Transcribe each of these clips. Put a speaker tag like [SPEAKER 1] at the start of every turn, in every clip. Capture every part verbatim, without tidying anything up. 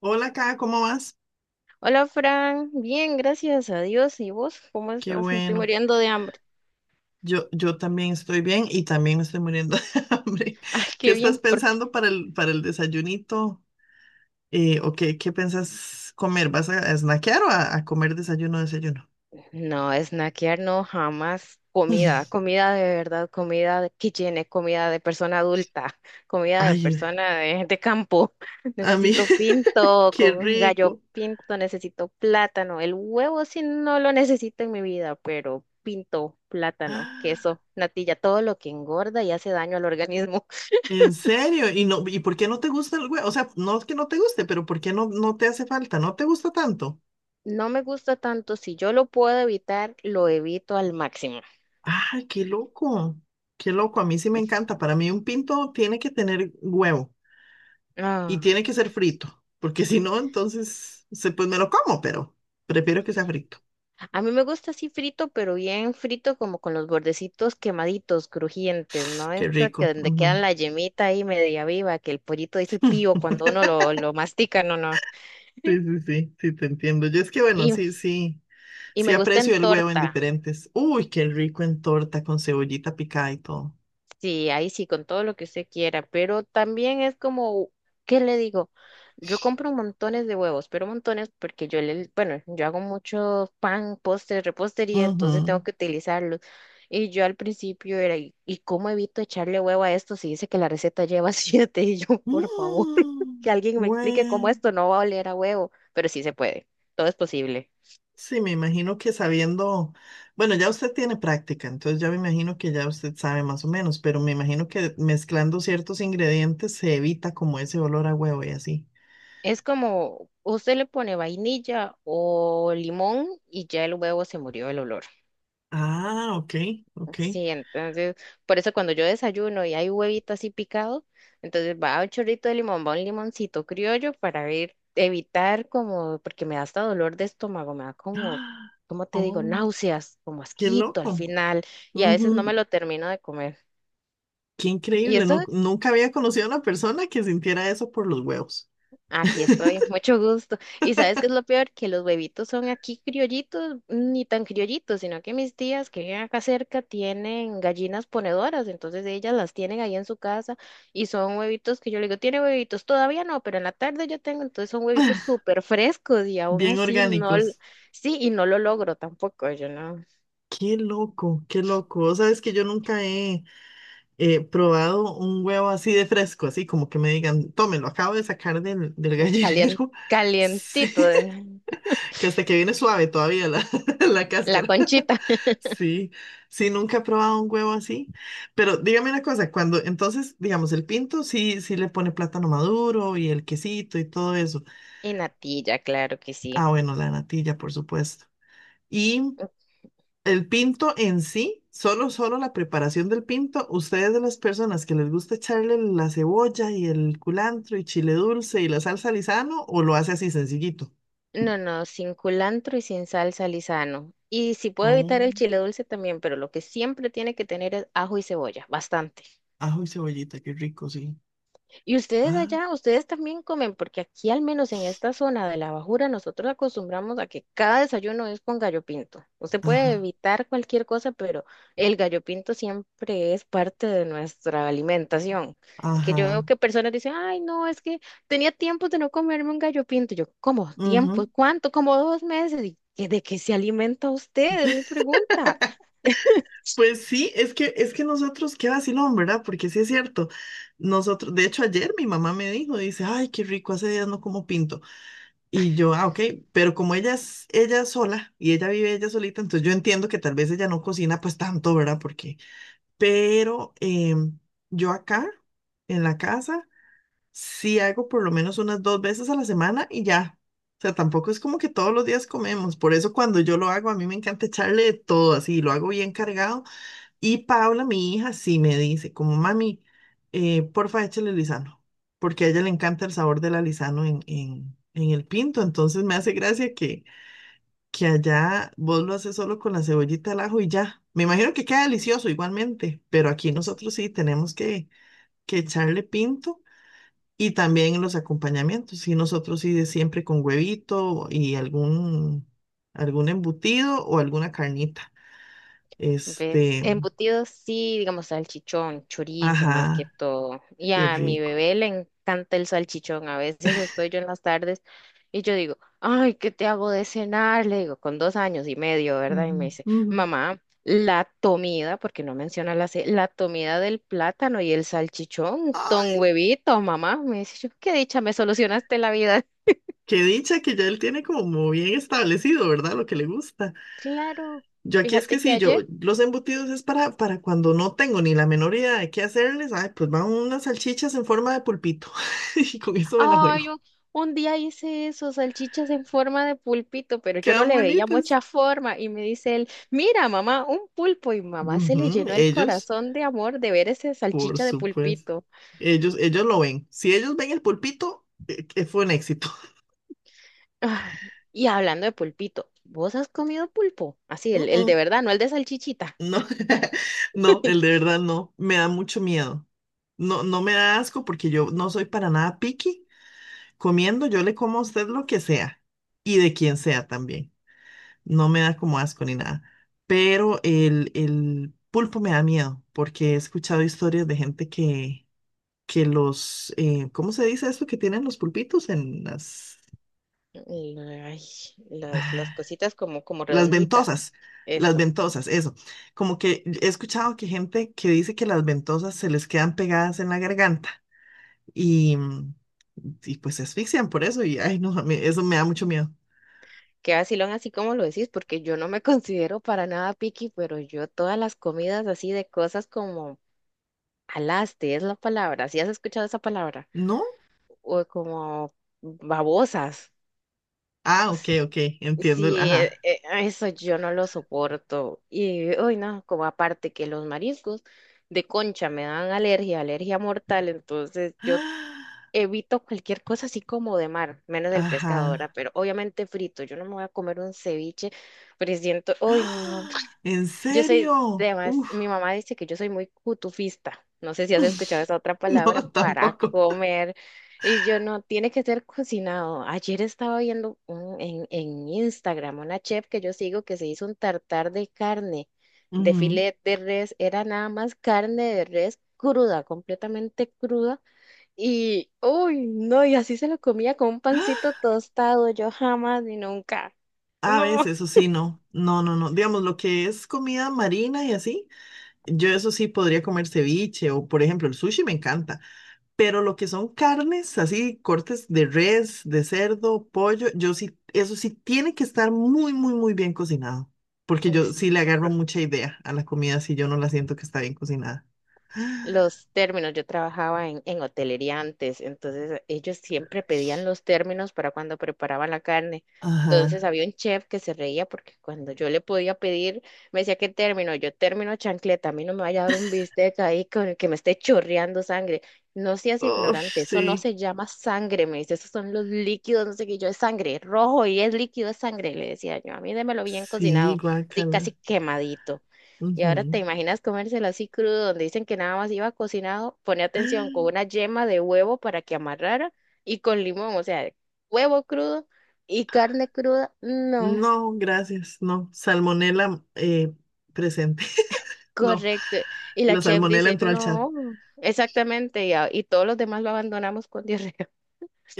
[SPEAKER 1] Hola, acá, ¿cómo vas?
[SPEAKER 2] Hola Fran, bien, gracias a Dios. ¿Y vos? ¿Cómo
[SPEAKER 1] Qué
[SPEAKER 2] estás? Me estoy
[SPEAKER 1] bueno.
[SPEAKER 2] muriendo de hambre.
[SPEAKER 1] Yo, yo también estoy bien y también me estoy muriendo de hambre.
[SPEAKER 2] Ay,
[SPEAKER 1] ¿Qué
[SPEAKER 2] qué
[SPEAKER 1] estás
[SPEAKER 2] bien, porque
[SPEAKER 1] pensando para el, para el desayunito? Eh, ¿o qué, qué piensas comer? ¿Vas a, a snackear o a, a comer desayuno, desayuno?
[SPEAKER 2] no, snackear no, jamás. Comida, comida de verdad, comida de- que llene, comida de persona adulta, comida de
[SPEAKER 1] Ay, eh,
[SPEAKER 2] persona de, de campo.
[SPEAKER 1] a mí,
[SPEAKER 2] Necesito pinto
[SPEAKER 1] qué
[SPEAKER 2] con gallo
[SPEAKER 1] rico.
[SPEAKER 2] pinto, necesito plátano. El huevo sí no lo necesito en mi vida, pero pinto, plátano,
[SPEAKER 1] Ah,
[SPEAKER 2] queso, natilla, todo lo que engorda y hace daño al organismo.
[SPEAKER 1] ¿en serio? ¿Y no, y por qué no te gusta el huevo? O sea, no es que no te guste, pero ¿por qué no, no te hace falta? ¿No te gusta tanto?
[SPEAKER 2] No me gusta tanto, si yo lo puedo evitar, lo evito al máximo.
[SPEAKER 1] Ay, qué loco. Qué loco. A mí sí me encanta. Para mí un pinto tiene que tener huevo. Y
[SPEAKER 2] Ah,
[SPEAKER 1] tiene que ser frito, porque si no, entonces se, pues me lo como, pero prefiero que sea frito.
[SPEAKER 2] a mí me gusta así frito, pero bien frito, como con los bordecitos quemaditos, crujientes, ¿no?
[SPEAKER 1] Qué
[SPEAKER 2] Esa que
[SPEAKER 1] rico.
[SPEAKER 2] donde
[SPEAKER 1] Ujú.
[SPEAKER 2] quedan la yemita ahí media viva, que el pollito dice pío cuando uno lo, lo mastica, no, no.
[SPEAKER 1] Sí, sí, sí, sí, te entiendo. Yo es que, bueno,
[SPEAKER 2] Y,
[SPEAKER 1] sí, sí,
[SPEAKER 2] y
[SPEAKER 1] sí
[SPEAKER 2] me gusta en
[SPEAKER 1] aprecio el huevo en
[SPEAKER 2] torta.
[SPEAKER 1] diferentes. Uy, qué rico en torta con cebollita picada y todo.
[SPEAKER 2] Sí, ahí sí, con todo lo que usted quiera, pero también es como, ¿qué le digo? Yo compro montones de huevos, pero montones porque yo le, bueno, yo hago mucho pan, postre, repostería, entonces
[SPEAKER 1] Ujú.
[SPEAKER 2] tengo que utilizarlos. Y yo al principio era, ¿y y cómo evito echarle huevo a esto si dice que la receta lleva siete? Y yo, por favor, que
[SPEAKER 1] Mm,
[SPEAKER 2] alguien me explique cómo
[SPEAKER 1] bueno.
[SPEAKER 2] esto no va a oler a huevo, pero sí se puede, todo es posible.
[SPEAKER 1] Sí, me imagino que sabiendo, bueno, ya usted tiene práctica, entonces ya me imagino que ya usted sabe más o menos, pero me imagino que mezclando ciertos ingredientes se evita como ese olor a huevo y así.
[SPEAKER 2] Es como, usted le pone vainilla o limón y ya el huevo se murió el olor.
[SPEAKER 1] Ah, ok, ok.
[SPEAKER 2] Sí, entonces, por eso cuando yo desayuno y hay huevito así picado, entonces va un chorrito de limón, va un limoncito criollo para ver, evitar como, porque me da hasta dolor de estómago, me da como,
[SPEAKER 1] ¡Ah!
[SPEAKER 2] ¿cómo te digo?
[SPEAKER 1] Oh,
[SPEAKER 2] Náuseas, como
[SPEAKER 1] qué
[SPEAKER 2] asquito al
[SPEAKER 1] loco.
[SPEAKER 2] final, y a veces no me
[SPEAKER 1] Ujú.
[SPEAKER 2] lo termino de comer.
[SPEAKER 1] Qué
[SPEAKER 2] Y
[SPEAKER 1] increíble,
[SPEAKER 2] eso.
[SPEAKER 1] nu- nunca había conocido a una persona que sintiera eso por los huevos.
[SPEAKER 2] Aquí estoy, mucho gusto. ¿Y sabes qué es lo peor? Que los huevitos son aquí criollitos, ni tan criollitos, sino que mis tías que viven acá cerca tienen gallinas ponedoras, entonces ellas las tienen ahí en su casa y son huevitos que yo le digo, tiene huevitos, todavía no, pero en la tarde yo tengo, entonces son huevitos súper frescos y aún
[SPEAKER 1] Bien
[SPEAKER 2] así no, l-
[SPEAKER 1] orgánicos.
[SPEAKER 2] sí, y no lo logro tampoco, yo no,
[SPEAKER 1] Qué loco, qué loco. Vos sabés que yo nunca he eh, probado un huevo así de fresco, así como que me digan, tómelo, acabo de sacar del, del
[SPEAKER 2] calien-
[SPEAKER 1] gallinero. Sí,
[SPEAKER 2] calientito, eh,
[SPEAKER 1] que hasta que viene suave todavía la, la
[SPEAKER 2] la
[SPEAKER 1] cáscara.
[SPEAKER 2] conchita
[SPEAKER 1] Sí, sí, nunca he probado un huevo así. Pero dígame una cosa, cuando entonces, digamos, el pinto sí, sí le pone plátano maduro y el quesito y todo eso.
[SPEAKER 2] y natilla, claro que sí.
[SPEAKER 1] Ah, bueno, la natilla, por supuesto. Y el pinto en sí, solo, solo la preparación del pinto, ustedes de las personas que les gusta echarle la cebolla y el culantro y chile dulce y la salsa Lizano, o lo hace así sencillito.
[SPEAKER 2] No, no, sin culantro y sin salsa lisano. Y si puedo
[SPEAKER 1] Oh,
[SPEAKER 2] evitar el chile dulce también, pero lo que siempre tiene que tener es ajo y cebolla, bastante.
[SPEAKER 1] ajo y cebollita, qué rico, sí.
[SPEAKER 2] Y ustedes
[SPEAKER 1] Ah,
[SPEAKER 2] allá, ustedes también comen, porque aquí al menos en esta zona de la Bajura nosotros acostumbramos a que cada desayuno es con gallo pinto. Usted puede
[SPEAKER 1] ajá,
[SPEAKER 2] evitar cualquier cosa, pero el gallo pinto siempre es parte de nuestra alimentación. Que yo veo
[SPEAKER 1] ajá.
[SPEAKER 2] que personas dicen, ay, no, es que tenía tiempo de no comerme un gallo pinto. Yo, ¿cómo? ¿Tiempo?
[SPEAKER 1] Ujú.
[SPEAKER 2] ¿Cuánto? Como dos meses. ¿Y de qué se alimenta usted? Es mi pregunta.
[SPEAKER 1] Pues sí, es que, es que nosotros, qué vacilón, ¿verdad? Porque sí es cierto. Nosotros, de hecho, ayer mi mamá me dijo, dice, ay, qué rico, hace días no como pinto. Y yo, ah, ok, pero como ella es ella es sola y ella vive ella solita, entonces yo entiendo que tal vez ella no cocina pues tanto, ¿verdad? Porque, pero em, yo acá en la casa sí hago por lo menos unas dos veces a la semana y ya. O sea, tampoco es como que todos los días comemos. Por eso cuando yo lo hago, a mí me encanta echarle de todo así, lo hago bien cargado y Paula, mi hija, sí me dice, como mami, eh, porfa, échale lisano, porque a ella le encanta el sabor del alisano en, en, en el pinto. Entonces me hace gracia que, que allá vos lo haces solo con la cebollita al ajo y ya. Me imagino que queda delicioso igualmente, pero aquí nosotros sí tenemos que, que echarle pinto y también los acompañamientos. Y nosotros sí de siempre con huevito y algún, algún embutido o alguna carnita.
[SPEAKER 2] ¿Ves?
[SPEAKER 1] Este,
[SPEAKER 2] Embutidos sí, digamos salchichón, chorizo más que
[SPEAKER 1] ajá,
[SPEAKER 2] todo. Y
[SPEAKER 1] qué
[SPEAKER 2] a mi
[SPEAKER 1] rico.
[SPEAKER 2] bebé le encanta el salchichón. A veces estoy yo en las tardes y yo digo, ay, ¿qué te hago de cenar? Le digo, con dos años y medio, ¿verdad? Y
[SPEAKER 1] Ujú,
[SPEAKER 2] me dice,
[SPEAKER 1] ujú.
[SPEAKER 2] mamá, la comida, porque no menciona la C, la comida del plátano y el salchichón, ton
[SPEAKER 1] Ay,
[SPEAKER 2] huevito, mamá. Me dice, yo, qué dicha, me solucionaste la vida.
[SPEAKER 1] qué dicha que ya él tiene como bien establecido, ¿verdad? Lo que le gusta.
[SPEAKER 2] Claro,
[SPEAKER 1] Yo aquí es que
[SPEAKER 2] fíjate que
[SPEAKER 1] sí, yo
[SPEAKER 2] ayer
[SPEAKER 1] los embutidos es para, para cuando no tengo ni la menor idea de qué hacerles. Ay, pues van unas salchichas en forma de pulpito y con eso me la
[SPEAKER 2] Ay,
[SPEAKER 1] juego.
[SPEAKER 2] un, un día hice eso, salchichas en forma de pulpito, pero yo no
[SPEAKER 1] Quedan
[SPEAKER 2] le veía
[SPEAKER 1] bonitas.
[SPEAKER 2] mucha forma. Y me dice él, mira, mamá, un pulpo. Y mamá se le
[SPEAKER 1] Ujú.
[SPEAKER 2] llenó el
[SPEAKER 1] Ellos,
[SPEAKER 2] corazón de amor de ver esa
[SPEAKER 1] por
[SPEAKER 2] salchicha de
[SPEAKER 1] supuesto.
[SPEAKER 2] pulpito.
[SPEAKER 1] Ellos, ellos lo ven. Si ellos ven el pulpito, eh, que fue un éxito.
[SPEAKER 2] Ay, y hablando de pulpito, ¿vos has comido pulpo? Así,
[SPEAKER 1] Mm,
[SPEAKER 2] el, el de
[SPEAKER 1] mm.
[SPEAKER 2] verdad, no el de salchichita.
[SPEAKER 1] No, no, el de verdad no, me da mucho miedo. No, no me da asco porque yo no soy para nada picky. Comiendo, yo le como a usted lo que sea y de quien sea también. No me da como asco ni nada. Pero el, el pulpo me da miedo porque he escuchado historias de gente que, que los, eh, ¿cómo se dice esto que tienen los pulpitos en las
[SPEAKER 2] Y, ay, las, las cositas como, como
[SPEAKER 1] Las
[SPEAKER 2] redonditas.
[SPEAKER 1] ventosas, las
[SPEAKER 2] Eso.
[SPEAKER 1] ventosas, eso? Como que he escuchado que gente que dice que las ventosas se les quedan pegadas en la garganta y, mm, y pues se asfixian por eso y ay, no, me- eso me da mucho miedo.
[SPEAKER 2] Qué vacilón así como lo decís, porque yo no me considero para nada picky, pero yo todas las comidas así de cosas como Alaste es la palabra. Si has escuchado esa palabra?
[SPEAKER 1] ¿No?
[SPEAKER 2] O como babosas.
[SPEAKER 1] Ah, ok, ok, entiendo el,
[SPEAKER 2] Sí, e-
[SPEAKER 1] ajá.
[SPEAKER 2] e- eso yo no lo soporto. Y, hoy no, como aparte que los mariscos de concha me dan alergia, alergia mortal, entonces yo
[SPEAKER 1] Ah,
[SPEAKER 2] evito cualquier cosa así como de mar, menos el pescado, ¿verdad?
[SPEAKER 1] ajá.
[SPEAKER 2] Pero obviamente frito, yo no me voy a comer un ceviche, pero siento, uy, no,
[SPEAKER 1] Ah, ¿en
[SPEAKER 2] yo soy,
[SPEAKER 1] serio?
[SPEAKER 2] además,
[SPEAKER 1] Uf.
[SPEAKER 2] mi mamá dice que yo soy muy cutufista. No sé si has escuchado esa otra palabra
[SPEAKER 1] No,
[SPEAKER 2] para
[SPEAKER 1] tampoco.
[SPEAKER 2] comer. Y yo no, tiene que ser cocinado. Ayer estaba viendo un- en, en, Instagram una chef que yo sigo que se hizo un tartar de carne, de
[SPEAKER 1] Ujú.
[SPEAKER 2] filet de res. Era nada más carne de res cruda, completamente cruda. Y, uy, no, y así se lo comía con un pancito tostado. Yo jamás ni nunca.
[SPEAKER 1] A
[SPEAKER 2] No.
[SPEAKER 1] veces, eso sí, no. No, no, no. Digamos, lo que es comida marina y así. Yo eso sí podría comer ceviche o, por ejemplo, el sushi me encanta, pero lo que son carnes, así cortes de res, de cerdo, pollo, yo sí, eso sí tiene que estar muy, muy, muy bien cocinado, porque yo sí
[SPEAKER 2] Eso.
[SPEAKER 1] le agarro mucha idea a la comida si yo no la siento que está bien cocinada.
[SPEAKER 2] Los términos. Yo trabajaba en, en hotelería antes, entonces ellos siempre pedían los términos para cuando preparaban la carne. Entonces
[SPEAKER 1] Ajá.
[SPEAKER 2] había un chef que se reía porque cuando yo le podía pedir, me decía, ¿qué término? Yo término chancleta, a mí no me vaya a dar un bistec ahí con el que me esté chorreando sangre. No seas
[SPEAKER 1] Uf,
[SPEAKER 2] ignorante,
[SPEAKER 1] sí,
[SPEAKER 2] eso no se llama sangre, me dice, esos son los líquidos, no sé qué, yo es sangre, rojo y es líquido, es sangre, le decía yo, a mí démelo bien
[SPEAKER 1] sí,
[SPEAKER 2] cocinado, así casi
[SPEAKER 1] guácala.
[SPEAKER 2] quemadito. Y ahora
[SPEAKER 1] Ujú.
[SPEAKER 2] te imaginas comérselo así crudo, donde dicen que nada más iba cocinado, pone atención, con una yema de huevo para que amarrara y con limón, o sea, huevo crudo y carne cruda, no,
[SPEAKER 1] No, gracias, no. Salmonela eh, presente. No,
[SPEAKER 2] correcto. Y la
[SPEAKER 1] la
[SPEAKER 2] chef
[SPEAKER 1] salmonela
[SPEAKER 2] dice,
[SPEAKER 1] entró al chat.
[SPEAKER 2] no, exactamente, y, a- y todos los demás lo abandonamos con diarrea.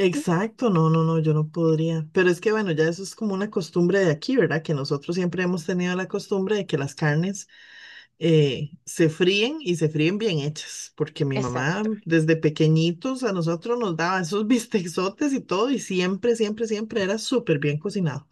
[SPEAKER 1] Exacto, no, no, no, yo no podría. Pero es que bueno, ya eso es como una costumbre de aquí, ¿verdad? Que nosotros siempre hemos tenido la costumbre de que las carnes eh, se fríen y se fríen bien hechas, porque mi mamá
[SPEAKER 2] Exacto,
[SPEAKER 1] desde pequeñitos a nosotros nos daba esos bisteczotes y todo y siempre, siempre, siempre era súper bien cocinado.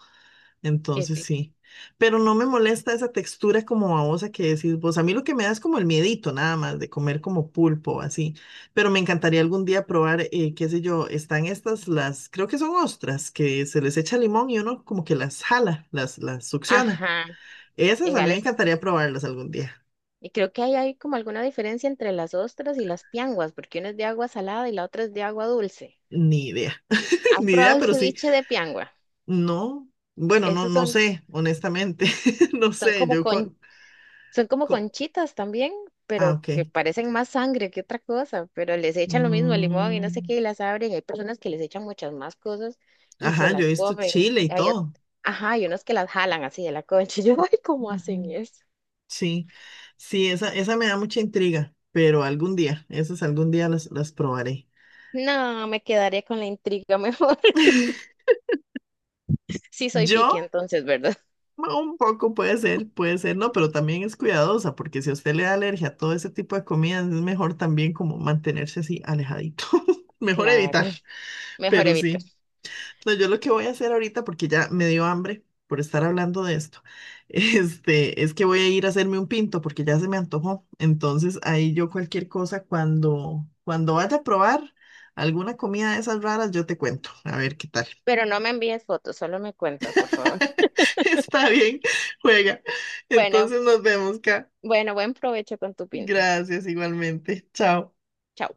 [SPEAKER 2] qué
[SPEAKER 1] Entonces
[SPEAKER 2] rico.
[SPEAKER 1] sí, pero no me molesta esa textura como babosa que decís vos. A mí lo que me da es como el miedito nada más de comer como pulpo así, pero me encantaría algún día probar, eh, qué sé yo, están estas, las, creo que son ostras, que se les echa limón y uno como que las jala, las, las succiona.
[SPEAKER 2] Ajá,
[SPEAKER 1] Esas a mí me
[SPEAKER 2] iguales.
[SPEAKER 1] encantaría probarlas algún día.
[SPEAKER 2] Y creo que ahí hay como alguna diferencia entre las ostras y las pianguas, porque una es de agua salada y la otra es de agua dulce.
[SPEAKER 1] Ni idea,
[SPEAKER 2] ¿Has
[SPEAKER 1] ni idea,
[SPEAKER 2] probado el
[SPEAKER 1] pero sí,
[SPEAKER 2] ceviche de piangua?
[SPEAKER 1] no, bueno, no,
[SPEAKER 2] Esos
[SPEAKER 1] no
[SPEAKER 2] son
[SPEAKER 1] sé, honestamente, no
[SPEAKER 2] Son
[SPEAKER 1] sé,
[SPEAKER 2] como
[SPEAKER 1] yo... co-
[SPEAKER 2] con, son como
[SPEAKER 1] co-
[SPEAKER 2] conchitas también,
[SPEAKER 1] ah,
[SPEAKER 2] pero
[SPEAKER 1] ok.
[SPEAKER 2] que parecen más sangre que otra cosa, pero les echan lo mismo, limón y no sé
[SPEAKER 1] Mm.
[SPEAKER 2] qué, y las abren. Hay personas que les echan muchas más cosas y se
[SPEAKER 1] Ajá, yo he
[SPEAKER 2] las
[SPEAKER 1] visto
[SPEAKER 2] comen.
[SPEAKER 1] Chile y
[SPEAKER 2] Hay, ot-
[SPEAKER 1] todo.
[SPEAKER 2] ajá, hay unos que las jalan así de la concha. Yo, ay, ¿cómo hacen
[SPEAKER 1] Ujú.
[SPEAKER 2] eso?
[SPEAKER 1] Sí, sí, esa, esa me da mucha intriga, pero algún día, esas algún día las, las probaré.
[SPEAKER 2] No, me quedaría con la intriga mejor. Sí soy
[SPEAKER 1] Yo,
[SPEAKER 2] piqui entonces, ¿verdad?
[SPEAKER 1] un poco puede ser, puede ser, no, pero también es cuidadosa, porque si a usted le da alergia a todo ese tipo de comidas, es mejor también como mantenerse así alejadito. Mejor
[SPEAKER 2] Claro,
[SPEAKER 1] evitar,
[SPEAKER 2] mejor
[SPEAKER 1] pero
[SPEAKER 2] evitar.
[SPEAKER 1] sí. No, yo lo que voy a hacer ahorita, porque ya me dio hambre por estar hablando de esto, este, es que voy a ir a hacerme un pinto porque ya se me antojó. Entonces ahí yo cualquier cosa, cuando, cuando vaya a probar alguna comida de esas raras, yo te cuento. A ver qué tal.
[SPEAKER 2] Pero no me envíes fotos, solo me cuentas, por favor.
[SPEAKER 1] Está bien, juega.
[SPEAKER 2] Bueno,
[SPEAKER 1] Entonces nos vemos acá.
[SPEAKER 2] bueno, buen provecho con tu pinto.
[SPEAKER 1] Gracias igualmente. Chao.
[SPEAKER 2] Chao.